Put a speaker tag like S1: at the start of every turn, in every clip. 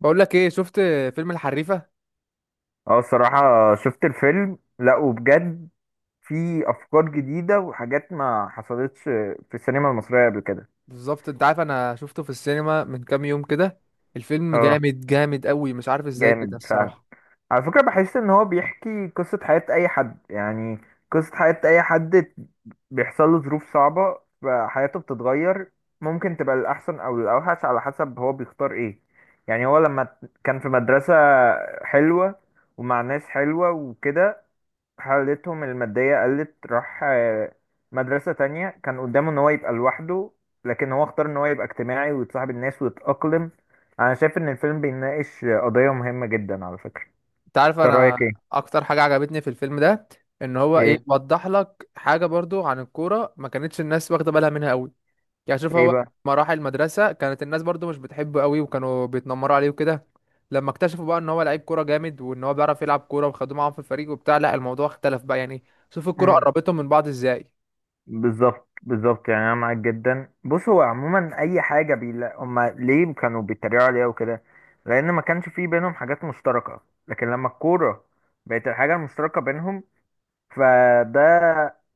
S1: بقول لك ايه، شفت فيلم الحريفه؟
S2: اه، الصراحة شفت الفيلم، لا وبجد في أفكار جديدة وحاجات ما حصلتش في السينما المصرية قبل كده.
S1: بالظبط، انت عارف انا شفته في السينما من كام يوم كده. الفيلم
S2: اه،
S1: جامد جامد قوي، مش عارف ازاي كده
S2: جامد فعلا.
S1: الصراحه.
S2: على فكرة بحس إن هو بيحكي قصة حياة أي حد، يعني قصة حياة أي حد بيحصل له ظروف صعبة فحياته بتتغير، ممكن تبقى للأحسن أو للأوحش على حسب هو بيختار إيه. يعني هو لما كان في مدرسة حلوة ومع ناس حلوة وكده، حالتهم المادية قلت، راح مدرسة تانية. كان قدامه ان هو يبقى لوحده، لكن هو اختار ان هو يبقى اجتماعي ويتصاحب الناس ويتأقلم. انا شايف ان الفيلم بيناقش قضية مهمة جدا على فكرة،
S1: انت عارف،
S2: انت رأيك
S1: انا
S2: ايه؟
S1: اكتر حاجه عجبتني في الفيلم ده ان هو ايه،
S2: ايه،
S1: وضح لك حاجه برضو عن الكوره ما كانتش الناس واخده بالها منها قوي. يعني شوف،
S2: ايه
S1: هو
S2: بقى؟
S1: مراحل المدرسه كانت الناس برضو مش بتحبه قوي، وكانوا بيتنمروا عليه وكده. لما اكتشفوا بقى ان هو لعيب كوره جامد وان هو بيعرف يلعب كوره وخدوه معاهم في الفريق وبتاع، لا الموضوع اختلف بقى يعني. شوف الكوره
S2: مم.
S1: قربتهم من بعض ازاي.
S2: بالظبط بالظبط، يعني انا معاك جدا. بص هو عموما اي حاجة بيلا هما ليه كانوا بيتريقوا عليها وكده، لان ما كانش في بينهم حاجات مشتركة، لكن لما الكورة بقت الحاجة المشتركة بينهم فده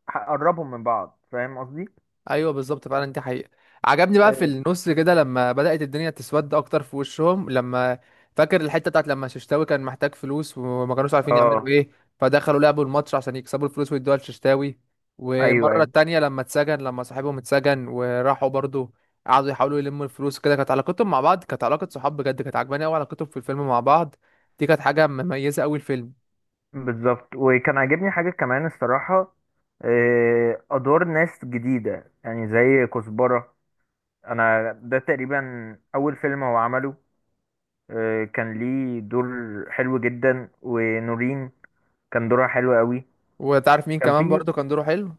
S2: هقربهم من بعض، فاهم قصدي؟
S1: ايوه بالظبط، فعلا دي حقيقة. عجبني بقى في
S2: إيه.
S1: النص كده لما بدأت الدنيا تسود اكتر في وشهم، لما فاكر الحتة بتاعت لما ششتاوي كان محتاج فلوس وما كانوش عارفين يعملوا
S2: اه،
S1: ايه؟ فدخلوا لعبوا الماتش عشان يكسبوا الفلوس ويدوها لششتاوي.
S2: ايوه
S1: والمرة
S2: ايوه
S1: التانية لما اتسجن، لما صاحبهم اتسجن وراحوا برضو قعدوا يحاولوا يلموا الفلوس كده، كانت علاقتهم مع بعض كانت علاقة صحاب بجد، كانت عجباني قوي علاقتهم في الفيلم مع بعض. دي كانت حاجة مميزة قوي الفيلم.
S2: بالظبط. وكان عاجبني حاجه كمان الصراحه، ادوار ناس جديده يعني زي كزبره. انا ده تقريبا اول فيلم هو عمله، كان ليه دور حلو جدا. ونورين كان دورها حلو قوي.
S1: وتعرف مين
S2: كان
S1: كمان
S2: في
S1: برضو كان دوره حلو؟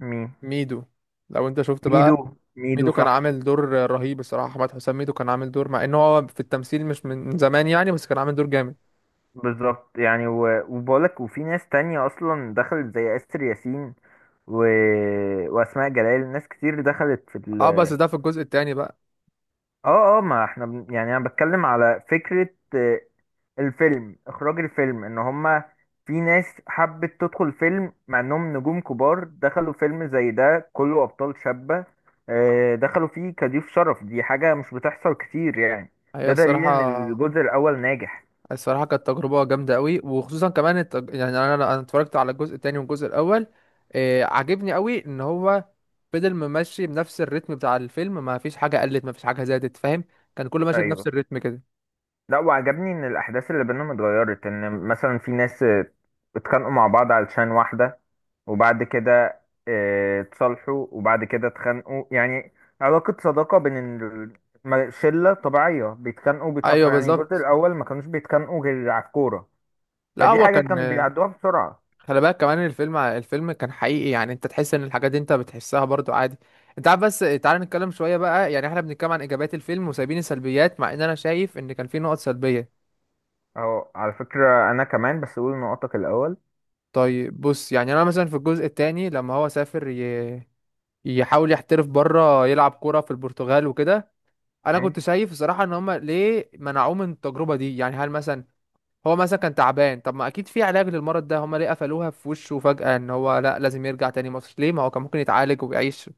S2: مين؟
S1: ميدو، لو انت شفت
S2: ميدو.
S1: بقى.
S2: ميدو
S1: ميدو كان
S2: صح.
S1: عامل دور رهيب الصراحة. أحمد حسام ميدو كان عامل دور مع إن هو في التمثيل مش من زمان يعني، بس كان عامل دور جامد.
S2: بالظبط يعني وبقولك، وفي ناس تانية اصلا دخلت زي اسر ياسين و... واسماء جلال. ناس كتير دخلت في
S1: اه بس ده في الجزء التاني بقى.
S2: اه اه، ما احنا بن... يعني انا بتكلم على فكرة. الفيلم، اخراج الفيلم ان هما في ناس حبت تدخل فيلم مع انهم نجوم كبار، دخلوا فيلم زي ده كله ابطال شابة. دخلوا فيه كضيوف شرف، دي حاجة مش بتحصل كتير يعني.
S1: هي
S2: ده دليل ان
S1: الصراحة
S2: الجزء الاول ناجح.
S1: الصراحة كانت تجربة جامدة قوي، وخصوصا كمان يعني أنا اتفرجت على الجزء التاني والجزء الأول. عجبني قوي إن هو فضل ممشي بنفس الريتم بتاع الفيلم، ما فيش حاجة قلت، ما فيش حاجة زادت، فاهم؟ كان كله ماشي بنفس
S2: ايوه،
S1: الريتم كده.
S2: لا وعجبني ان الاحداث اللي بينهم اتغيرت، ان مثلا في ناس اتخانقوا مع بعض علشان واحدة، وبعد كده اتصالحوا، وبعد كده اتخانقوا، يعني علاقة صداقة بين ال- شلة طبيعية بيتخانقوا
S1: أيوه
S2: وبيتصالحوا. يعني الجزء
S1: بالظبط،
S2: الأول ما كانوش بيتخانقوا غير على الكورة،
S1: لا
S2: فدي
S1: هو
S2: حاجة
S1: كان.
S2: كانوا بيعدوها بسرعة.
S1: خلي بالك كمان الفيلم كان حقيقي، يعني انت تحس ان الحاجات دي انت بتحسها برضو عادي. انت عارف، بس تعال نتكلم شوية بقى، يعني احنا بنتكلم عن ايجابيات الفيلم وسايبين السلبيات، مع ان انا شايف ان كان في نقط سلبية.
S2: أو على فكرة أنا كمان بس أقول نقطك الأول،
S1: طيب بص، يعني انا مثلا في الجزء التاني لما هو سافر يحاول يحترف بره، يلعب كورة في البرتغال وكده. انا
S2: يعني
S1: كنت شايف الصراحة ان هما ليه منعوه من التجربة دي، يعني هل مثلا هو مثلا كان تعبان؟ طب ما اكيد في علاج للمرض ده، هما ليه قفلوها في وشه فجأة ان هو لا لازم يرجع تاني مصر؟ ليه، ما هو كان ممكن يتعالج ويعيش.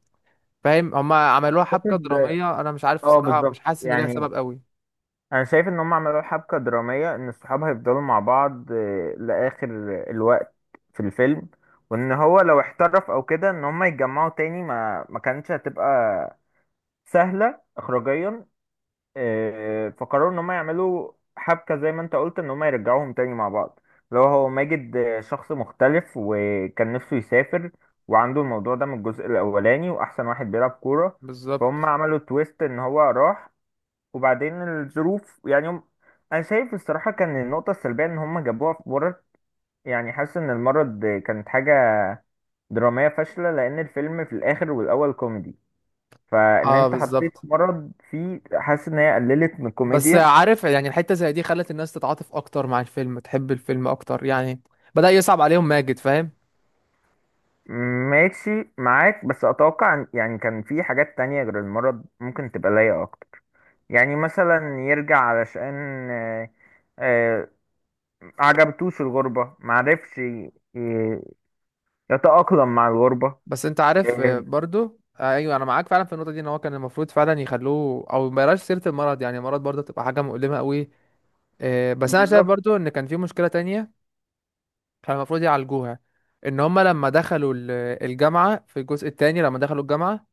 S1: فاهم، هما عملوها حبكة
S2: أعتقد
S1: درامية، انا مش عارف
S2: اه
S1: بصراحة، مش
S2: بالظبط.
S1: حاسس ان ليها
S2: يعني
S1: سبب قوي.
S2: انا شايف ان هم عملوا حبكة درامية، ان الصحاب هيفضلوا مع بعض لاخر الوقت في الفيلم، وان هو لو احترف او كده ان هم يتجمعوا تاني ما كانتش هتبقى سهلة اخراجيا. فقرروا ان هم يعملوا حبكة زي ما انت قلت، ان هم يرجعوهم تاني مع بعض. لو هو ماجد شخص مختلف وكان نفسه يسافر، وعنده الموضوع ده من الجزء الاولاني، واحسن واحد بيلعب كورة، فهم
S1: بالظبط.
S2: عملوا تويست ان هو راح وبعدين الظروف. يعني هم، انا شايف الصراحه كان النقطه السلبيه ان هم جابوها في مرض. يعني حاسس ان المرض كانت حاجه دراميه فاشله، لان الفيلم في الاخر والاول كوميدي، فان
S1: اه،
S2: انت حطيت
S1: بالظبط.
S2: مرض فيه، حاسس ان هي قللت من
S1: بس
S2: الكوميديا.
S1: عارف يعني، الحتة زي دي خلت الناس تتعاطف اكتر مع الفيلم، تحب الفيلم اكتر يعني. بدأ يصعب عليهم ماجد، فاهم؟
S2: ماشي معاك، بس اتوقع يعني كان في حاجات تانية غير المرض ممكن تبقى لايقه اكتر. يعني مثلا يرجع علشان آه، آه، عجبتوش الغربه، معرفش يتأقلم مع الغربة.
S1: بس انت عارف
S2: آه،
S1: برضو ايوه انا معاك فعلا في النقطة دي، ان هو كان المفروض فعلا يخلوه او ما يبقاش سيرة المرض، يعني المرض برضو تبقى حاجة مؤلمة قوي. بس انا شايف
S2: بالظبط.
S1: برضو ان كان في مشكلة تانية. كان المفروض يعالجوها. ان هما لما دخلوا الجامعة في الجزء التاني، لما دخلوا الجامعة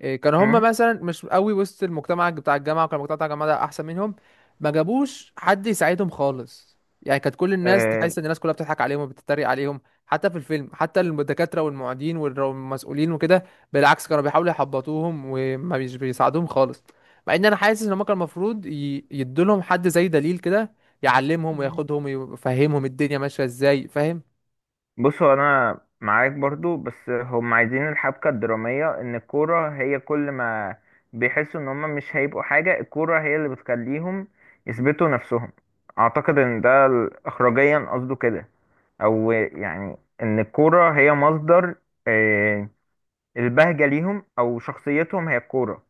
S1: كانوا هم
S2: مم.
S1: مثلا مش قوي وسط المجتمع بتاع الجامعه، وكان المجتمع بتاع الجامعه ده احسن منهم. ما جابوش حد يساعدهم خالص، يعني كانت كل الناس
S2: آه،
S1: تحس ان الناس كلها بتضحك عليهم وبتتريق عليهم، حتى في الفيلم حتى الدكاتره والمعيدين والمسؤولين وكده. بالعكس كانوا بيحاولوا يحبطوهم، وما بيساعدوهم خالص. مع ان انا حاسس ان هم كان المفروض يدولهم حد زي دليل كده، يعلمهم
S2: مم.
S1: وياخدهم ويفهمهم الدنيا ماشيه ازاي، فاهم؟
S2: بص هو انا معاك برضو، بس هم عايزين الحبكة الدرامية ان الكورة هي كل ما بيحسوا ان هم مش هيبقوا حاجة، الكورة هي اللي بتخليهم يثبتوا نفسهم. اعتقد ان ده اخراجيا قصده كده، او يعني ان الكورة هي مصدر آه، البهجة ليهم، أو شخصيتهم هي الكورة.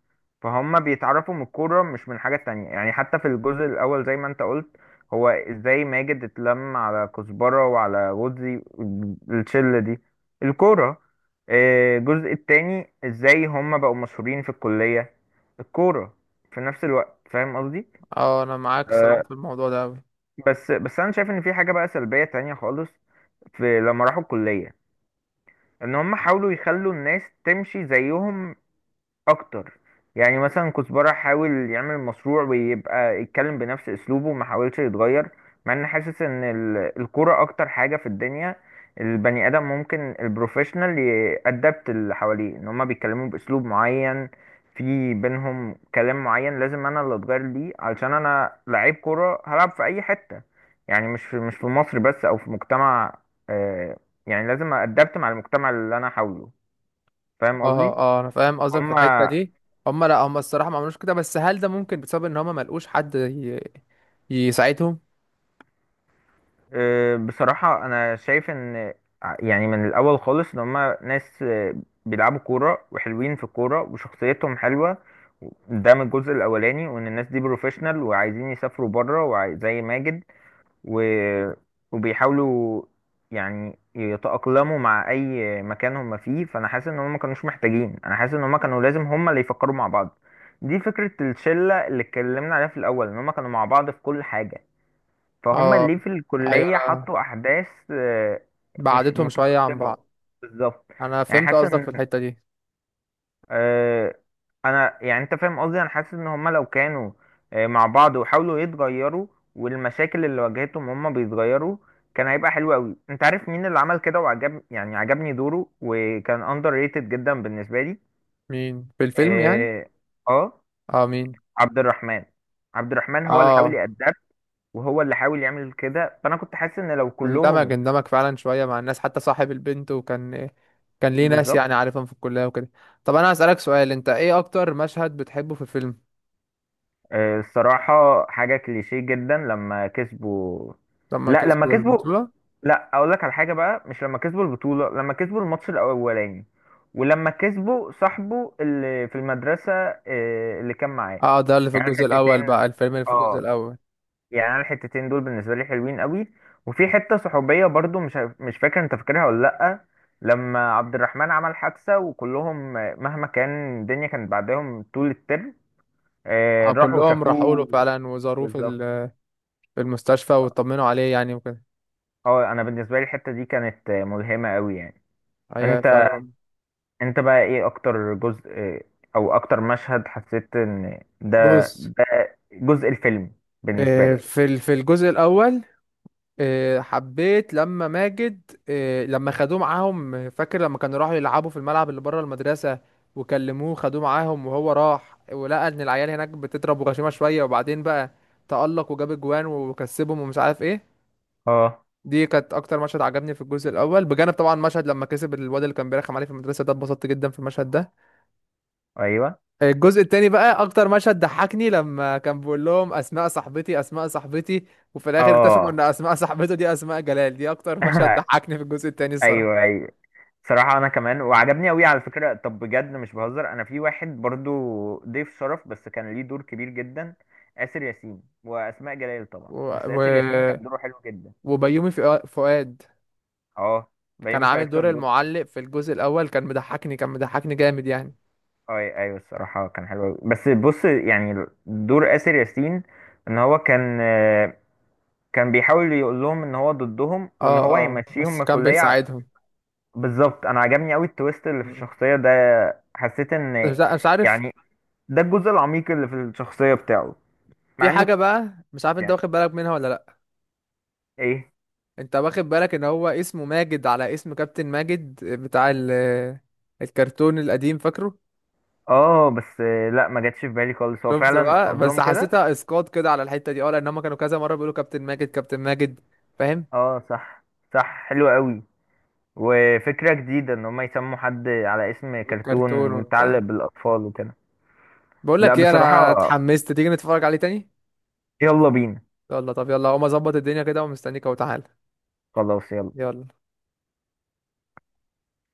S2: فهم بيتعرفوا من الكورة مش من حاجة تانية. يعني حتى في الجزء الأول زي ما أنت قلت، هو إزاي ماجد اتلم على كزبرة وعلى غوزي الشلة دي؟ الكورة. الجزء التاني إزاي هم بقوا مشهورين في الكلية؟ الكورة. في نفس الوقت، فاهم قصدي؟
S1: اه، انا معاك صراحه
S2: آه،
S1: في الموضوع ده أوي.
S2: بس أنا شايف إن في حاجة بقى سلبية تانية خالص في لما راحوا الكلية، ان هم حاولوا يخلوا الناس تمشي زيهم اكتر. يعني مثلا كزبرة حاول يعمل مشروع، ويبقى يتكلم بنفس اسلوبه وما حاولش يتغير، مع ان حاسس ان الكرة اكتر حاجة في الدنيا البني ادم ممكن البروفيشنال يأدبت اللي حواليه. ان هما بيتكلموا باسلوب معين، في بينهم كلام معين، لازم انا اللي اتغير ليه، علشان انا لعيب كرة هلعب في اي حتة، يعني مش في مصر بس او في مجتمع. آه، يعني لازم أدبت مع المجتمع اللي انا حوله، فاهم
S1: اه
S2: قصدي؟
S1: اه، انا فاهم قصدك في الحته
S2: هما
S1: دي. لا، هم الصراحه ما عملوش كده، بس هل ده ممكن بسبب ان هم ما لقوش حد يساعدهم؟
S2: أه، بصراحة أنا شايف إن يعني من الأول خالص إن هما ناس بيلعبوا كورة وحلوين في الكورة وشخصيتهم حلوة، ده من الجزء الأولاني، وإن الناس دي بروفيشنال وعايزين يسافروا بره، زي ماجد و... وبيحاولوا يعني يتأقلموا مع أي مكان هما فيه. فأنا حاسس إن هما ما كانوش محتاجين، أنا حاسس إن هما كانوا لازم هما اللي يفكروا مع بعض، دي فكرة الشلة اللي اتكلمنا عليها في الأول إن هما كانوا مع بعض في كل حاجة. فهم
S1: اه،
S2: ليه في
S1: ايوه،
S2: الكلية
S1: انا
S2: حطوا أحداث مش
S1: بعدتهم شويه عن
S2: مترتبة؟
S1: بعض.
S2: بالظبط.
S1: انا
S2: يعني
S1: فهمت
S2: حاسس
S1: قصدك في
S2: إن
S1: الحته دي.
S2: آه، أنا يعني أنت فاهم قصدي، أنا حاسس إن هم لو كانوا مع بعض وحاولوا يتغيروا، والمشاكل اللي واجهتهم هم بيتغيروا، كان هيبقى حلو أوي. أنت عارف مين اللي عمل كده وعجب، يعني عجبني دوره وكان أندر ريتد جدا بالنسبة لي؟
S1: مين في الفيلم يعني؟
S2: آه. آه،
S1: اه، مين؟
S2: عبد الرحمن. عبد الرحمن هو اللي حاول
S1: اه،
S2: يأدب وهو اللي حاول يعمل كده، فأنا كنت حاسس إن لو
S1: اندمج
S2: كلهم.
S1: اندمج فعلا شويه مع الناس، حتى صاحب البنت، وكان ليه ناس
S2: بالظبط.
S1: يعني عارفهم في الكليه وكده. طب انا هسألك سؤال، انت ايه اكتر مشهد بتحبه في الفيلم؟
S2: الصراحة حاجة كليشيه جدا، لما كسبوا.
S1: لما
S2: لا لما
S1: كسبوا
S2: كسبوا،
S1: البطوله؟
S2: لا اقول لك على حاجة بقى، مش لما كسبوا البطولة، لما كسبوا الماتش الاولاني، ولما كسبوا صاحبه اللي في المدرسة اللي كان معاه.
S1: اه، ده اللي في
S2: يعني أنا
S1: الجزء الاول
S2: الحتتين،
S1: بقى، الفيلم اللي في الجزء
S2: اه
S1: الاول.
S2: يعني انا الحتتين دول بالنسبة لي حلوين قوي. وفي حتة صحوبية برضو مش فاكر انت فاكرها ولا لأ، لما عبد الرحمن عمل حادثة، وكلهم مهما كان الدنيا كانت بعدهم طول الترم،
S1: اه،
S2: راحوا
S1: كلهم راحوا له
S2: شافوه.
S1: فعلا وزاروه
S2: بالظبط.
S1: في المستشفى
S2: اه.
S1: واطمنوا عليه يعني وكده.
S2: انا بالنسبه لي الحته دي كانت ملهمه قوي يعني.
S1: ايوه
S2: انت،
S1: فعلا.
S2: انت بقى ايه اكتر جزء او اكتر مشهد حسيت ان ده،
S1: بص،
S2: ده جزء الفيلم بالنسبه لك؟
S1: في الجزء الاول، حبيت لما ماجد، لما خدوه معاهم، فاكر لما كانوا راحوا يلعبوا في الملعب اللي بره المدرسة. وكلموه خدوه معاهم، وهو راح ولقى ان العيال هناك بتضرب وغشيمة شوية، وبعدين بقى تألق وجاب اجوان وكسبهم ومش عارف ايه.
S2: اه،
S1: دي كانت اكتر مشهد عجبني في الجزء الاول، بجانب طبعا مشهد لما كسب الواد اللي كان بيرخم عليه في المدرسة، ده اتبسطت جدا في المشهد ده.
S2: ايوه
S1: الجزء التاني بقى، اكتر مشهد ضحكني لما كان بيقول لهم اسماء صاحبتي اسماء صاحبتي، وفي الاخر اكتشفوا ان
S2: اه.
S1: اسماء صاحبته دي اسماء جلال، دي اكتر مشهد ضحكني في الجزء التاني
S2: ايوه
S1: الصراحة.
S2: ايوه. صراحه انا كمان، وعجبني قوي على فكره، طب بجد مش بهزر، انا في واحد برضو ضيف شرف بس كان ليه دور كبير جدا، آسر ياسين وأسماء جلال طبعا،
S1: و...
S2: بس
S1: و...
S2: آسر ياسين كان دوره حلو جدا.
S1: وبيومي فؤاد
S2: اه،
S1: كان
S2: بيومي فؤاد
S1: عامل دور
S2: كان دور.
S1: المعلق في الجزء الاول، كان مضحكني جامد يعني.
S2: اي ايوه الصراحه كان حلو أوي. بس بص، يعني دور اسر ياسين ان هو كان كان بيحاول يقول لهم ان هو ضدهم، وان
S1: اه
S2: هو
S1: اه،
S2: هيمشيهم من
S1: بس كان
S2: الكليه.
S1: بيساعدهم.
S2: بالظبط، انا عجبني قوي التويست اللي في
S1: مم.
S2: الشخصيه ده. حسيت ان،
S1: مش عارف.
S2: يعني ده الجزء العميق اللي في الشخصيه بتاعه. مع
S1: في
S2: انه،
S1: حاجة بقى، مش عارف انت
S2: يعني
S1: واخد بالك منها ولا لا.
S2: ايه؟
S1: انت واخد بالك ان هو اسمه ماجد على اسم كابتن ماجد بتاع الكرتون القديم، فاكره؟
S2: اه بس لا ما جاتش في بالي خالص. هو
S1: شفت
S2: فعلا
S1: بقى، بس
S2: قصدهم كده.
S1: حسيتها اسقاط كده على الحته دي، اه لان هم كانوا كذا مره بيقولوا كابتن ماجد كابتن ماجد، فاهم؟
S2: اه صح، صح حلو قوي. وفكرة جديدة ان هم يسموا حد على اسم كرتون
S1: الكرتون
S2: متعلق
S1: وبتاع.
S2: بالاطفال وكده.
S1: بقول
S2: لا
S1: لك ايه، انا
S2: بصراحة،
S1: اتحمست، تيجي نتفرج عليه تاني؟
S2: يلا بينا.
S1: يلا طب، يلا هقوم اظبط الدنيا كده ومستنيك اهو، تعالى.
S2: خلاص يلا.
S1: يلا.